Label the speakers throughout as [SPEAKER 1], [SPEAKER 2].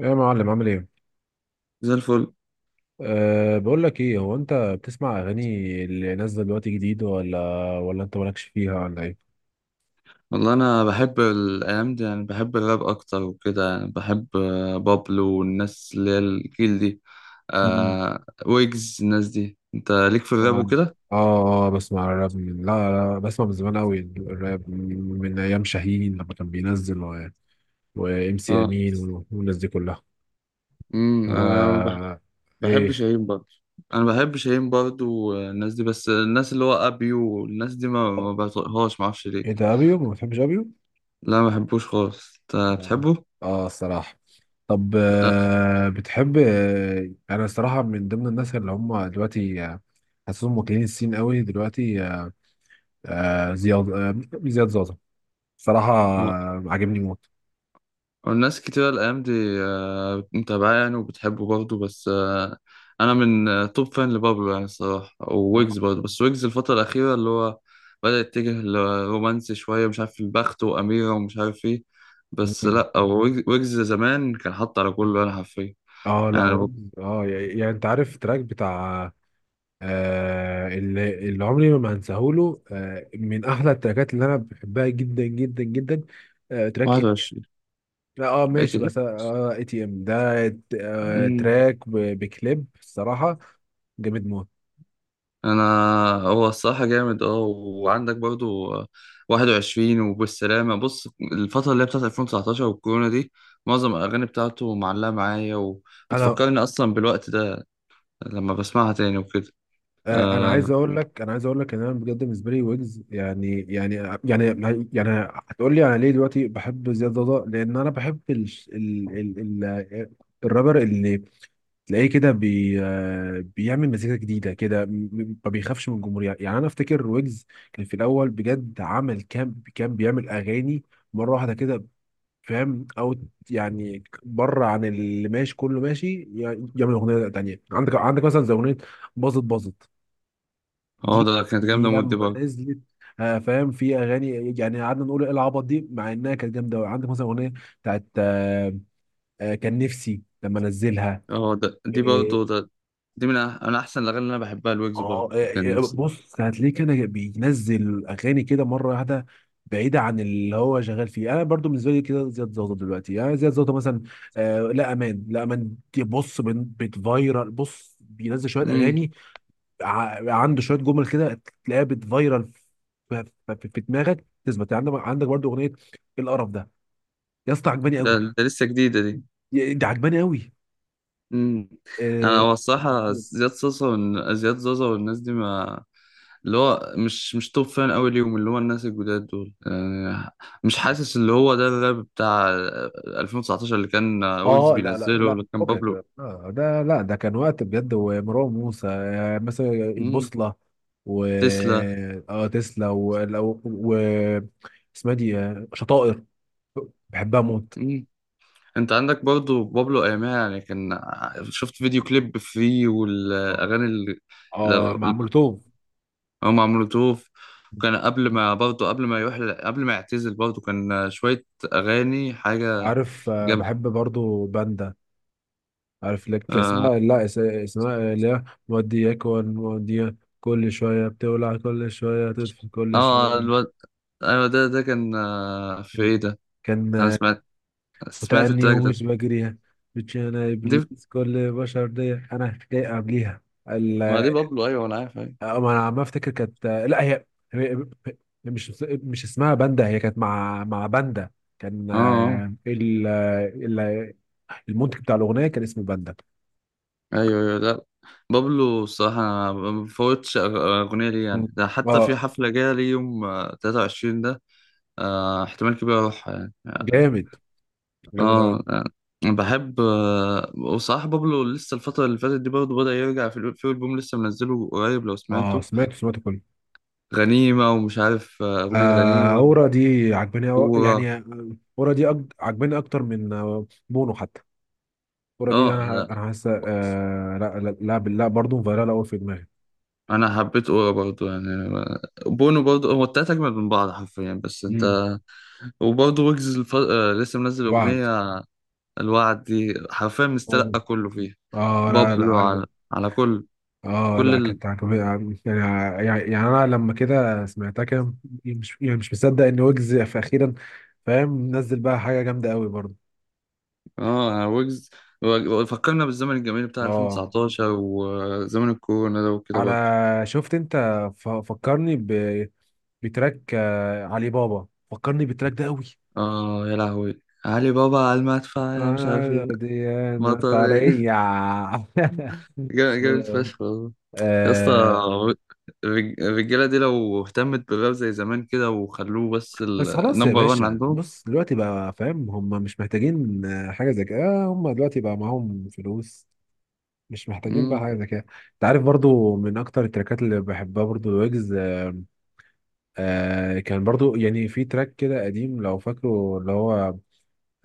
[SPEAKER 1] يا معلم عامل ايه؟
[SPEAKER 2] زي الفل.
[SPEAKER 1] بقول لك ايه، هو انت بتسمع اغاني اللي نازله دلوقتي جديد، ولا انت مالكش فيها ولا ايه؟
[SPEAKER 2] والله، انا بحب الايام دي، يعني بحب الراب اكتر وكده، يعني بحب، بابلو والناس اللي هي الجيل دي.
[SPEAKER 1] مم.
[SPEAKER 2] ويجز، الناس دي انت ليك في الراب
[SPEAKER 1] اه.
[SPEAKER 2] وكده.
[SPEAKER 1] اه، بسمع الراب من، لا لا، بسمع من زمان قوي الراب من ايام شاهين لما كان بينزل، وام سي
[SPEAKER 2] اه،
[SPEAKER 1] امين، والناس دي كلها.
[SPEAKER 2] امم انا بح-
[SPEAKER 1] أه.
[SPEAKER 2] بحب
[SPEAKER 1] ايه
[SPEAKER 2] شاهين برضه. انا بحب شاهين برضه والناس دي، بس الناس اللي هو ابي والناس دي ما بطيقهاش، ما اعرفش
[SPEAKER 1] ايه
[SPEAKER 2] ليه.
[SPEAKER 1] ده، ابيو ما بتحبش ابيو؟
[SPEAKER 2] لا، ما بحبوش خالص، انت
[SPEAKER 1] اه،
[SPEAKER 2] بتحبه؟
[SPEAKER 1] آه، الصراحه. طب
[SPEAKER 2] آه.
[SPEAKER 1] بتحب، انا الصراحه من ضمن الناس اللي هم دلوقتي حاسسهم واكلين الصين قوي دلوقتي، آه، زياد، زياد زازا. صراحه عاجبني موت.
[SPEAKER 2] والناس كتير الأيام دي، متابعاه يعني، وبتحبه برضه، بس أنا من توب فان لبابلو يعني الصراحة، وويجز برضه، بس ويجز الفترة الأخيرة اللي هو بدأ يتجه لرومانسي شوية، مش عارف البخت وأميرة ومش عارف إيه. بس
[SPEAKER 1] مم.
[SPEAKER 2] لأ، هو ويجز، ويجز زمان كان حاط على كله، أنا حرفيا
[SPEAKER 1] اه، لا،
[SPEAKER 2] يعني
[SPEAKER 1] يعني انت عارف التراك بتاع، اللي عمري ما هنساهوله، من احلى التراكات اللي انا بحبها جدا جدا جدا. تراك.
[SPEAKER 2] 21.
[SPEAKER 1] لا، اه
[SPEAKER 2] إيه
[SPEAKER 1] ماشي، بس اه، ATM ده
[SPEAKER 2] ده؟
[SPEAKER 1] تراك بكليب الصراحه جامد موت.
[SPEAKER 2] انا هو الصراحه جامد، اه. وعندك برضو 21 وبالسلامه. بص الفتره اللي هي بتاعت 2019 والكورونا دي، معظم الاغاني بتاعته معلقه معايا،
[SPEAKER 1] انا
[SPEAKER 2] وبتفكرني اصلا بالوقت ده لما بسمعها تاني وكده.
[SPEAKER 1] انا عايز
[SPEAKER 2] اه.
[SPEAKER 1] اقول لك، ان انا بجد بالنسبه لي ويجز، يعني يعني، هتقول لي انا ليه دلوقتي بحب زياد ضوضاء؟ لان انا بحب ال ال ال ال الرابر اللي تلاقيه كده، بي آه، بيعمل مزيكا جديده كده، ما بيخافش من الجمهور. يعني انا افتكر ويجز كان في الاول بجد، عمل كام كان بيعمل اغاني مره واحده كده، فاهم؟ يعني بره عن اللي ماشي. كله ماشي، يعني يعمل اغنيه تانيه. عندك مثلا زي اغنيه باظت باظت دي،
[SPEAKER 2] ده كانت جامده، مود دي
[SPEAKER 1] لما
[SPEAKER 2] برضو.
[SPEAKER 1] نزلت، فاهم، في اغاني يعني قعدنا نقول ايه العبط دي، مع انها كانت جامده قوي. عندك مثلا اغنيه بتاعت كان نفسي لما انزلها.
[SPEAKER 2] اه، ده دي
[SPEAKER 1] آه،
[SPEAKER 2] برضو ده. دي من انا احسن الاغاني اللي انا بحبها الويجز
[SPEAKER 1] اه،
[SPEAKER 2] برضو. كان
[SPEAKER 1] إيه،
[SPEAKER 2] نفسي.
[SPEAKER 1] بص هتلاقيه كده بينزل اغاني كده مره واحده بعيده عن اللي هو شغال فيه. انا برضو بالنسبه لي كده زياد زوطه، دلوقتي يعني زياد زوطه مثلا لا امان، لا امان دي، بص، بتفايرال. بص بينزل شويه
[SPEAKER 2] امم
[SPEAKER 1] اغاني، عنده شويه جمل كده تلاقيها بتفايرال، في دماغك تثبت، يعني عندك برضو اغنيه القرف ده، يا اسطى عجباني
[SPEAKER 2] ده,
[SPEAKER 1] قوي.
[SPEAKER 2] ده لسه جديده دي.
[SPEAKER 1] مم. ده عجباني قوي.
[SPEAKER 2] مم. انا
[SPEAKER 1] آه.
[SPEAKER 2] هو الصراحه، زياد صوصه زياد زوزة والناس دي، ما اللي هو مش توب فان قوي ليهم، اللي هو الناس الجداد دول، يعني مش حاسس اللي هو ده الراب بتاع 2019 اللي كان ويجز
[SPEAKER 1] اه، لا لا
[SPEAKER 2] بينزله،
[SPEAKER 1] لا،
[SPEAKER 2] اللي كان
[SPEAKER 1] فكك.
[SPEAKER 2] بابلو.
[SPEAKER 1] آه، ده، لا، ده كان وقت بجد. ومروان موسى مثلا
[SPEAKER 2] مم.
[SPEAKER 1] البوصلة، و،
[SPEAKER 2] تسلا.
[SPEAKER 1] اه، تسلا، اسمها دي شطائر. بحبها موت.
[SPEAKER 2] مم. انت عندك برضو بابلو ايامها، يعني كان، شفت فيديو كليب فري
[SPEAKER 1] اه،
[SPEAKER 2] والاغاني.
[SPEAKER 1] مع مولوتوف.
[SPEAKER 2] هو مع مولوتوف، كان قبل ما، برضه قبل ما يروح، قبل ما يعتزل برضه كان شوية أغاني حاجة
[SPEAKER 1] عارف،
[SPEAKER 2] جنب.
[SPEAKER 1] بحب برضو باندا. عارف لك
[SPEAKER 2] آه,
[SPEAKER 1] اسمها، لا، اسمها اللي هي مودياك، موديا. كل شوية بتولع، كل شوية تطفي، كل
[SPEAKER 2] آه،
[SPEAKER 1] شوية
[SPEAKER 2] الواد. أيوة، ده كان، في إيه ده؟
[SPEAKER 1] كان
[SPEAKER 2] أنا سمعت
[SPEAKER 1] وتأني
[SPEAKER 2] سمعت
[SPEAKER 1] تمام
[SPEAKER 2] التراك ده.
[SPEAKER 1] يومش بجريها. بتشانا
[SPEAKER 2] دي،
[SPEAKER 1] إبليس، كل بشر دي أنا جاي قبليها. ال-
[SPEAKER 2] ما دي بابلو، أيوة أنا عارف، أيوة.
[SPEAKER 1] أه، ما أنا عم أفتكر. كانت، لا، هي هي- هي مش مش اسمها باندا. هي كانت مع باندا. كان
[SPEAKER 2] آه آه.
[SPEAKER 1] المنتج بتاع الأغنية كان اسمه باندا.
[SPEAKER 2] أيوة أيوة، لا. بابلو الصراحة، أنا ما بفوتش أغنية ليه،
[SPEAKER 1] مم.
[SPEAKER 2] يعني ده حتى في
[SPEAKER 1] اه.
[SPEAKER 2] حفلة جاية ليه يوم 23 ده. آه احتمال كبير أروحها يعني
[SPEAKER 1] جامد، جامد أوي.
[SPEAKER 2] اه. أنا بحب وصراحة بابلو لسه الفترة اللي فاتت دي برضه، بدأ يرجع في في ألبوم لسه منزله قريب لو
[SPEAKER 1] اه،
[SPEAKER 2] سمعته.
[SPEAKER 1] سمعته سمعته كله.
[SPEAKER 2] غنيمة، ومش عارف أغنية
[SPEAKER 1] آه،
[SPEAKER 2] غنيمة،
[SPEAKER 1] أورا دي عجباني
[SPEAKER 2] أورا.
[SPEAKER 1] يعني، أورا دي عجباني أكتر من بونو حتى. الكوره دي
[SPEAKER 2] اه
[SPEAKER 1] انا،
[SPEAKER 2] لا،
[SPEAKER 1] حاسه، آه، لا لا لا لا، برضه فايرال قوي في دماغي.
[SPEAKER 2] أنا حبيت أورا برضه يعني آه، بونو برضه. هو التلاتة أجمل من بعض حرفيا، بس أنت،
[SPEAKER 1] امم.
[SPEAKER 2] وبرضه ويجز لسه منزل
[SPEAKER 1] وعد.
[SPEAKER 2] أغنية الوعد دي. حرفيا مستلقى كله فيها
[SPEAKER 1] اه، لا لا،
[SPEAKER 2] بابلو.
[SPEAKER 1] عجب.
[SPEAKER 2] على، على كل،
[SPEAKER 1] اه، لا،
[SPEAKER 2] كل.
[SPEAKER 1] كانت عجباني. يعني، يعني انا لما كده سمعتها كده مش يعني، مش مصدق ان ويجز في اخيرا. فاهم؟ نزل بقى حاجه جامده قوي برضه.
[SPEAKER 2] اه يعني ويجز فكرنا بالزمن الجميل بتاع
[SPEAKER 1] اه.
[SPEAKER 2] 2019 وزمن الكورونا ده وكده
[SPEAKER 1] على.
[SPEAKER 2] برضه.
[SPEAKER 1] شفت انت؟ فكرني، بتراك علي بابا. فكرني بالتراك ده قوي.
[SPEAKER 2] اه، يا لهوي، علي بابا على المدفع، يا مش عارف ايه،
[SPEAKER 1] ديانة
[SPEAKER 2] مطر ايه.
[SPEAKER 1] طرية
[SPEAKER 2] جامد فشخ والله. يا اسطى،
[SPEAKER 1] آه.
[SPEAKER 2] الرجاله دي لو اهتمت بالراب زي زمان كده وخلوه بس،
[SPEAKER 1] بس خلاص يا
[SPEAKER 2] النمبر 1
[SPEAKER 1] باشا،
[SPEAKER 2] عندهم.
[SPEAKER 1] بص دلوقتي بقى فاهم، هم مش محتاجين حاجة زي كده، هم دلوقتي بقى معاهم فلوس، مش محتاجين بقى
[SPEAKER 2] مم.
[SPEAKER 1] حاجة زي كده. انت عارف برضو من اكتر التراكات اللي بحبها برضو الويجز، آه، كان برضو يعني في تراك كده قديم لو فاكره اللي هو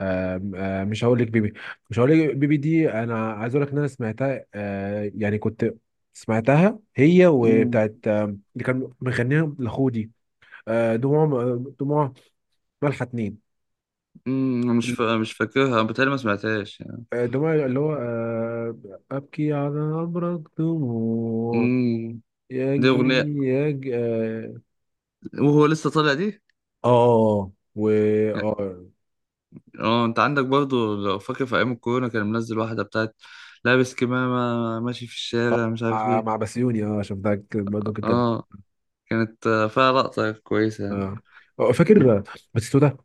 [SPEAKER 1] آه مش هقول لك بيبي. دي انا عايز اقول لك ان انا سمعتها، يعني كنت سمعتها هي
[SPEAKER 2] مم.
[SPEAKER 1] وبتاعت اللي كان مغنيها لخودي. دموع، دموع ملحة اتنين.
[SPEAKER 2] مم. أنا مش فاكرها، بتهيألي ما سمعتهاش يعني.
[SPEAKER 1] دموع، اللي هو أبكي على أبرق دموع
[SPEAKER 2] مم. دي
[SPEAKER 1] يجيني
[SPEAKER 2] اغنيه
[SPEAKER 1] يج اه
[SPEAKER 2] وهو لسه طالع دي.
[SPEAKER 1] آه، آه، و اه
[SPEAKER 2] اه، انت عندك برضو لو فاكر في ايام الكورونا كان منزل واحده بتاعت لابس كمامه ماشي في الشارع مش عارف
[SPEAKER 1] مع مع
[SPEAKER 2] ايه.
[SPEAKER 1] بسيوني اه عشان ده برضه كنت
[SPEAKER 2] اه، كانت فيها لقطه كويسه يعني.
[SPEAKER 1] اه. فاكر باتيستوتا.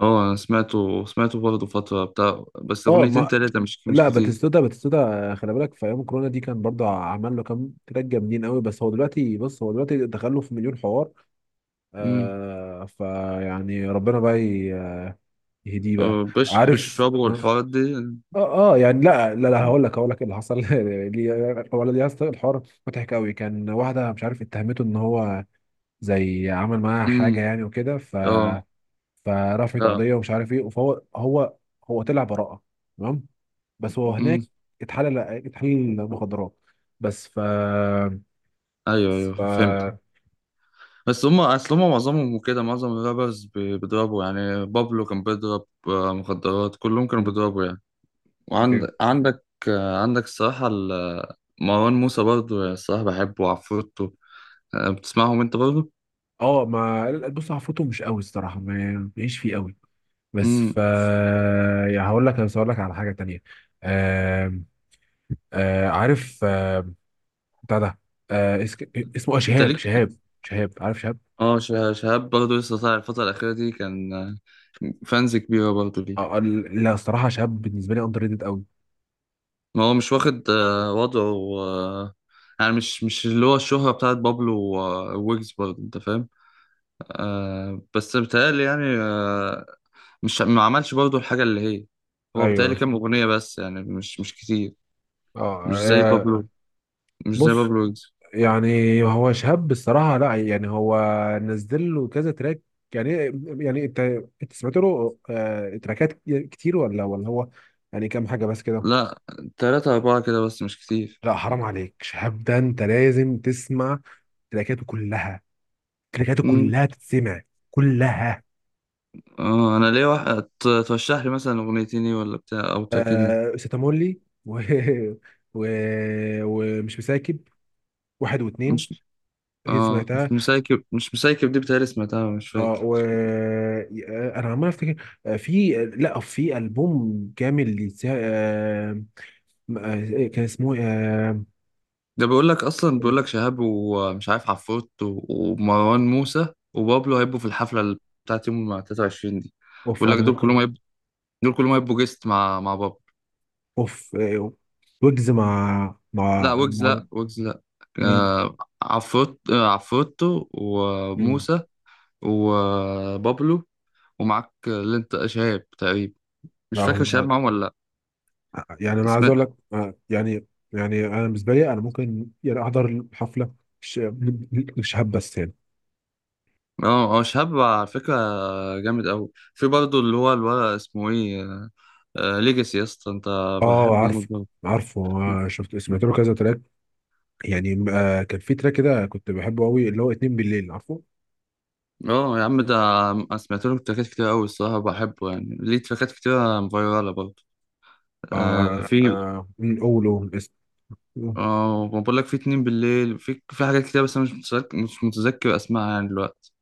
[SPEAKER 2] اه، انا سمعته برضه فتره بتاع، بس
[SPEAKER 1] اه
[SPEAKER 2] اغنيتين
[SPEAKER 1] ما
[SPEAKER 2] تلاته مش
[SPEAKER 1] لا،
[SPEAKER 2] كتير.
[SPEAKER 1] باتيستوتا، باتيستوتا خلي بالك في ايام كورونا دي كان برضه عمل له كام تراك جامدين قوي، بس هو دلوقتي بص، هو دلوقتي دخل له في مليون حوار،
[SPEAKER 2] امم
[SPEAKER 1] فيعني ربنا بقى يهديه بقى،
[SPEAKER 2] بش
[SPEAKER 1] عارف
[SPEAKER 2] بشربوا والحوارات دي.
[SPEAKER 1] اه. اه يعني، لا لا لا، هقول لك ايه اللي حصل هو، يا اسطى الحوار مضحك قوي. كان واحده مش عارف اتهمته ان هو زي عمل معاها
[SPEAKER 2] امم
[SPEAKER 1] حاجه يعني وكده،
[SPEAKER 2] اه
[SPEAKER 1] فرفعت
[SPEAKER 2] اه.
[SPEAKER 1] قضيه ومش عارف ايه. فهو هو طلع براءه، تمام، بس هو
[SPEAKER 2] امم
[SPEAKER 1] هناك اتحلل مخدرات. بس ف
[SPEAKER 2] ايوه ايوه، فهمت.
[SPEAKER 1] ف
[SPEAKER 2] بس هم اصل هم معظمهم كده، معظم الرابرز بيضربوا، يعني بابلو كان بيضرب مخدرات، كلهم كانوا
[SPEAKER 1] مم.
[SPEAKER 2] بيضربوا يعني.
[SPEAKER 1] أيوه.
[SPEAKER 2] وعندك عندك الصراحة مروان موسى برضه الصراحة بحبه، وعفروتو. أه، بتسمعهم انت برضه؟
[SPEAKER 1] اه، ما بص، عفروته مش قوي الصراحه، ما مش فيه قوي. بس
[SPEAKER 2] امم
[SPEAKER 1] ف يعني هقول لك، على حاجه تانيه. عارف بتاع ده، آه اس- اسمه
[SPEAKER 2] انت
[SPEAKER 1] شهاب،
[SPEAKER 2] ليك؟
[SPEAKER 1] شهاب. شهاب، عارف شهاب؟
[SPEAKER 2] اه، شهاب برضه لسه طالع الفترة الأخيرة دي، كان فانز كبيرة برضه ليه.
[SPEAKER 1] لا، الصراحه شهاب بالنسبه لي اندر ريتد قوي.
[SPEAKER 2] ما هو مش واخد وضعه يعني مش اللي هو الشهرة بتاعت بابلو وويجز برضه، انت فاهم؟ آه بس بيتهيألي يعني آه، مش ما عملش برضه الحاجة اللي هي، هو
[SPEAKER 1] ايوه.
[SPEAKER 2] بيتهيألي كام أغنية بس يعني مش كتير.
[SPEAKER 1] آه,
[SPEAKER 2] مش زي
[SPEAKER 1] اه.
[SPEAKER 2] بابلو، مش زي
[SPEAKER 1] بص،
[SPEAKER 2] بابلو ويجز.
[SPEAKER 1] يعني هو شهاب، الصراحه، لا، يعني هو نزل له كذا تراك، يعني، يعني انت انت سمعت له تراكات كتير، ولا هو يعني كام حاجه بس كده؟
[SPEAKER 2] لا، تلاتة أربعة كده بس مش كتير.
[SPEAKER 1] لا، حرام عليك، شهاب ده انت لازم تسمع تراكاته كلها.
[SPEAKER 2] امم
[SPEAKER 1] تتسمع كلها.
[SPEAKER 2] اه، أنا ليه واحد ترشح لي مثلا أغنيتين إيه ولا بتاع أو تراكيني.
[SPEAKER 1] آه، ستامولي، و... ومش مساكب، واحد واثنين.
[SPEAKER 2] مش،
[SPEAKER 1] هي
[SPEAKER 2] اه
[SPEAKER 1] سمعتها.
[SPEAKER 2] مش مسايكب دي بتهيألي سمعتها، مش
[SPEAKER 1] اه
[SPEAKER 2] فاكر.
[SPEAKER 1] و، انا عمال افتكر، في، لا في البوم كامل لسا... كان اسمه
[SPEAKER 2] ده بيقول لك أصلا، بيقول لك شهاب ومش عارف عفروت ومروان موسى وبابلو هيبقوا في الحفلة بتاعت يوم 23 دي.
[SPEAKER 1] اوف.
[SPEAKER 2] بيقول
[SPEAKER 1] انا
[SPEAKER 2] لك دول
[SPEAKER 1] ممكن،
[SPEAKER 2] كلهم هيبقوا، دول كلهم هيبقوا جيست مع بابلو.
[SPEAKER 1] اوف، ويجز مع
[SPEAKER 2] لا
[SPEAKER 1] مع
[SPEAKER 2] ويجز،
[SPEAKER 1] مع
[SPEAKER 2] لا ويجز، لا.
[SPEAKER 1] مين؟
[SPEAKER 2] آه عفروت عفروتو
[SPEAKER 1] مم.
[SPEAKER 2] وموسى وبابلو. ومعاك اللي انت شهاب تقريبا، مش
[SPEAKER 1] لا،
[SPEAKER 2] فاكر شهاب
[SPEAKER 1] هو،
[SPEAKER 2] معاهم ولا لا.
[SPEAKER 1] يعني انا عايز
[SPEAKER 2] اسمه،
[SPEAKER 1] اقول لك يعني، انا بالنسبه لي انا ممكن يعني احضر الحفله، ش- الشهاب، بس يعني.
[SPEAKER 2] اه اه شهاب على فكرة جامد قوي. في برضه اللي هو الولد اسمه ايه، آه ليجاسي يا اسطى، انت
[SPEAKER 1] اه،
[SPEAKER 2] بحبه موت
[SPEAKER 1] عارفه،
[SPEAKER 2] برضه.
[SPEAKER 1] عارفه شفت، سمعت له كذا تراك يعني. كان في تراك كده كنت بحبه قوي اللي هو اتنين بالليل، عارفه؟
[SPEAKER 2] اه يا عم، ده أنا سمعت له تراكات كتير قوي الصراحة، بحبه يعني ليه تراكات كتير فايرالة برضه. آه في،
[SPEAKER 1] مم، قوله اسم.
[SPEAKER 2] اه ما بقول لك في اتنين بالليل، في حاجات كتير بس انا مش متذكر اسمها يعني دلوقتي.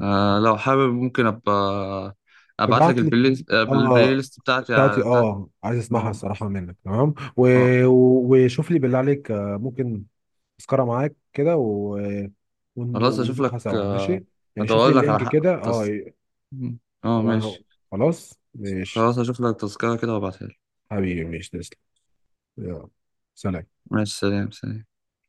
[SPEAKER 2] آه لو حابب ممكن ابقى ابعت لك
[SPEAKER 1] ابعت لي.
[SPEAKER 2] البلاي، البلاي
[SPEAKER 1] اه،
[SPEAKER 2] ليست بتاعتي.
[SPEAKER 1] بتاعتي.
[SPEAKER 2] بتاعت،
[SPEAKER 1] اه، عايز اسمعها
[SPEAKER 2] اه
[SPEAKER 1] الصراحة منك، تمام، و...
[SPEAKER 2] اه.
[SPEAKER 1] وشوف لي بالله عليك، ممكن تذكرة معاك كده، و...
[SPEAKER 2] خلاص اشوف لك
[SPEAKER 1] ونروحها سوا، ماشي؟ يعني شوف
[SPEAKER 2] ادور
[SPEAKER 1] لي
[SPEAKER 2] لك على
[SPEAKER 1] اللينك
[SPEAKER 2] حق
[SPEAKER 1] كده، اه.
[SPEAKER 2] اه
[SPEAKER 1] وأنا-
[SPEAKER 2] ماشي.
[SPEAKER 1] خلاص ماشي.
[SPEAKER 2] خلاص اشوف لك تذكرة كده وابعتها لك.
[SPEAKER 1] حبيبي ماشي، تسلم. يلا، سلام.
[SPEAKER 2] ماشي سلام سلام.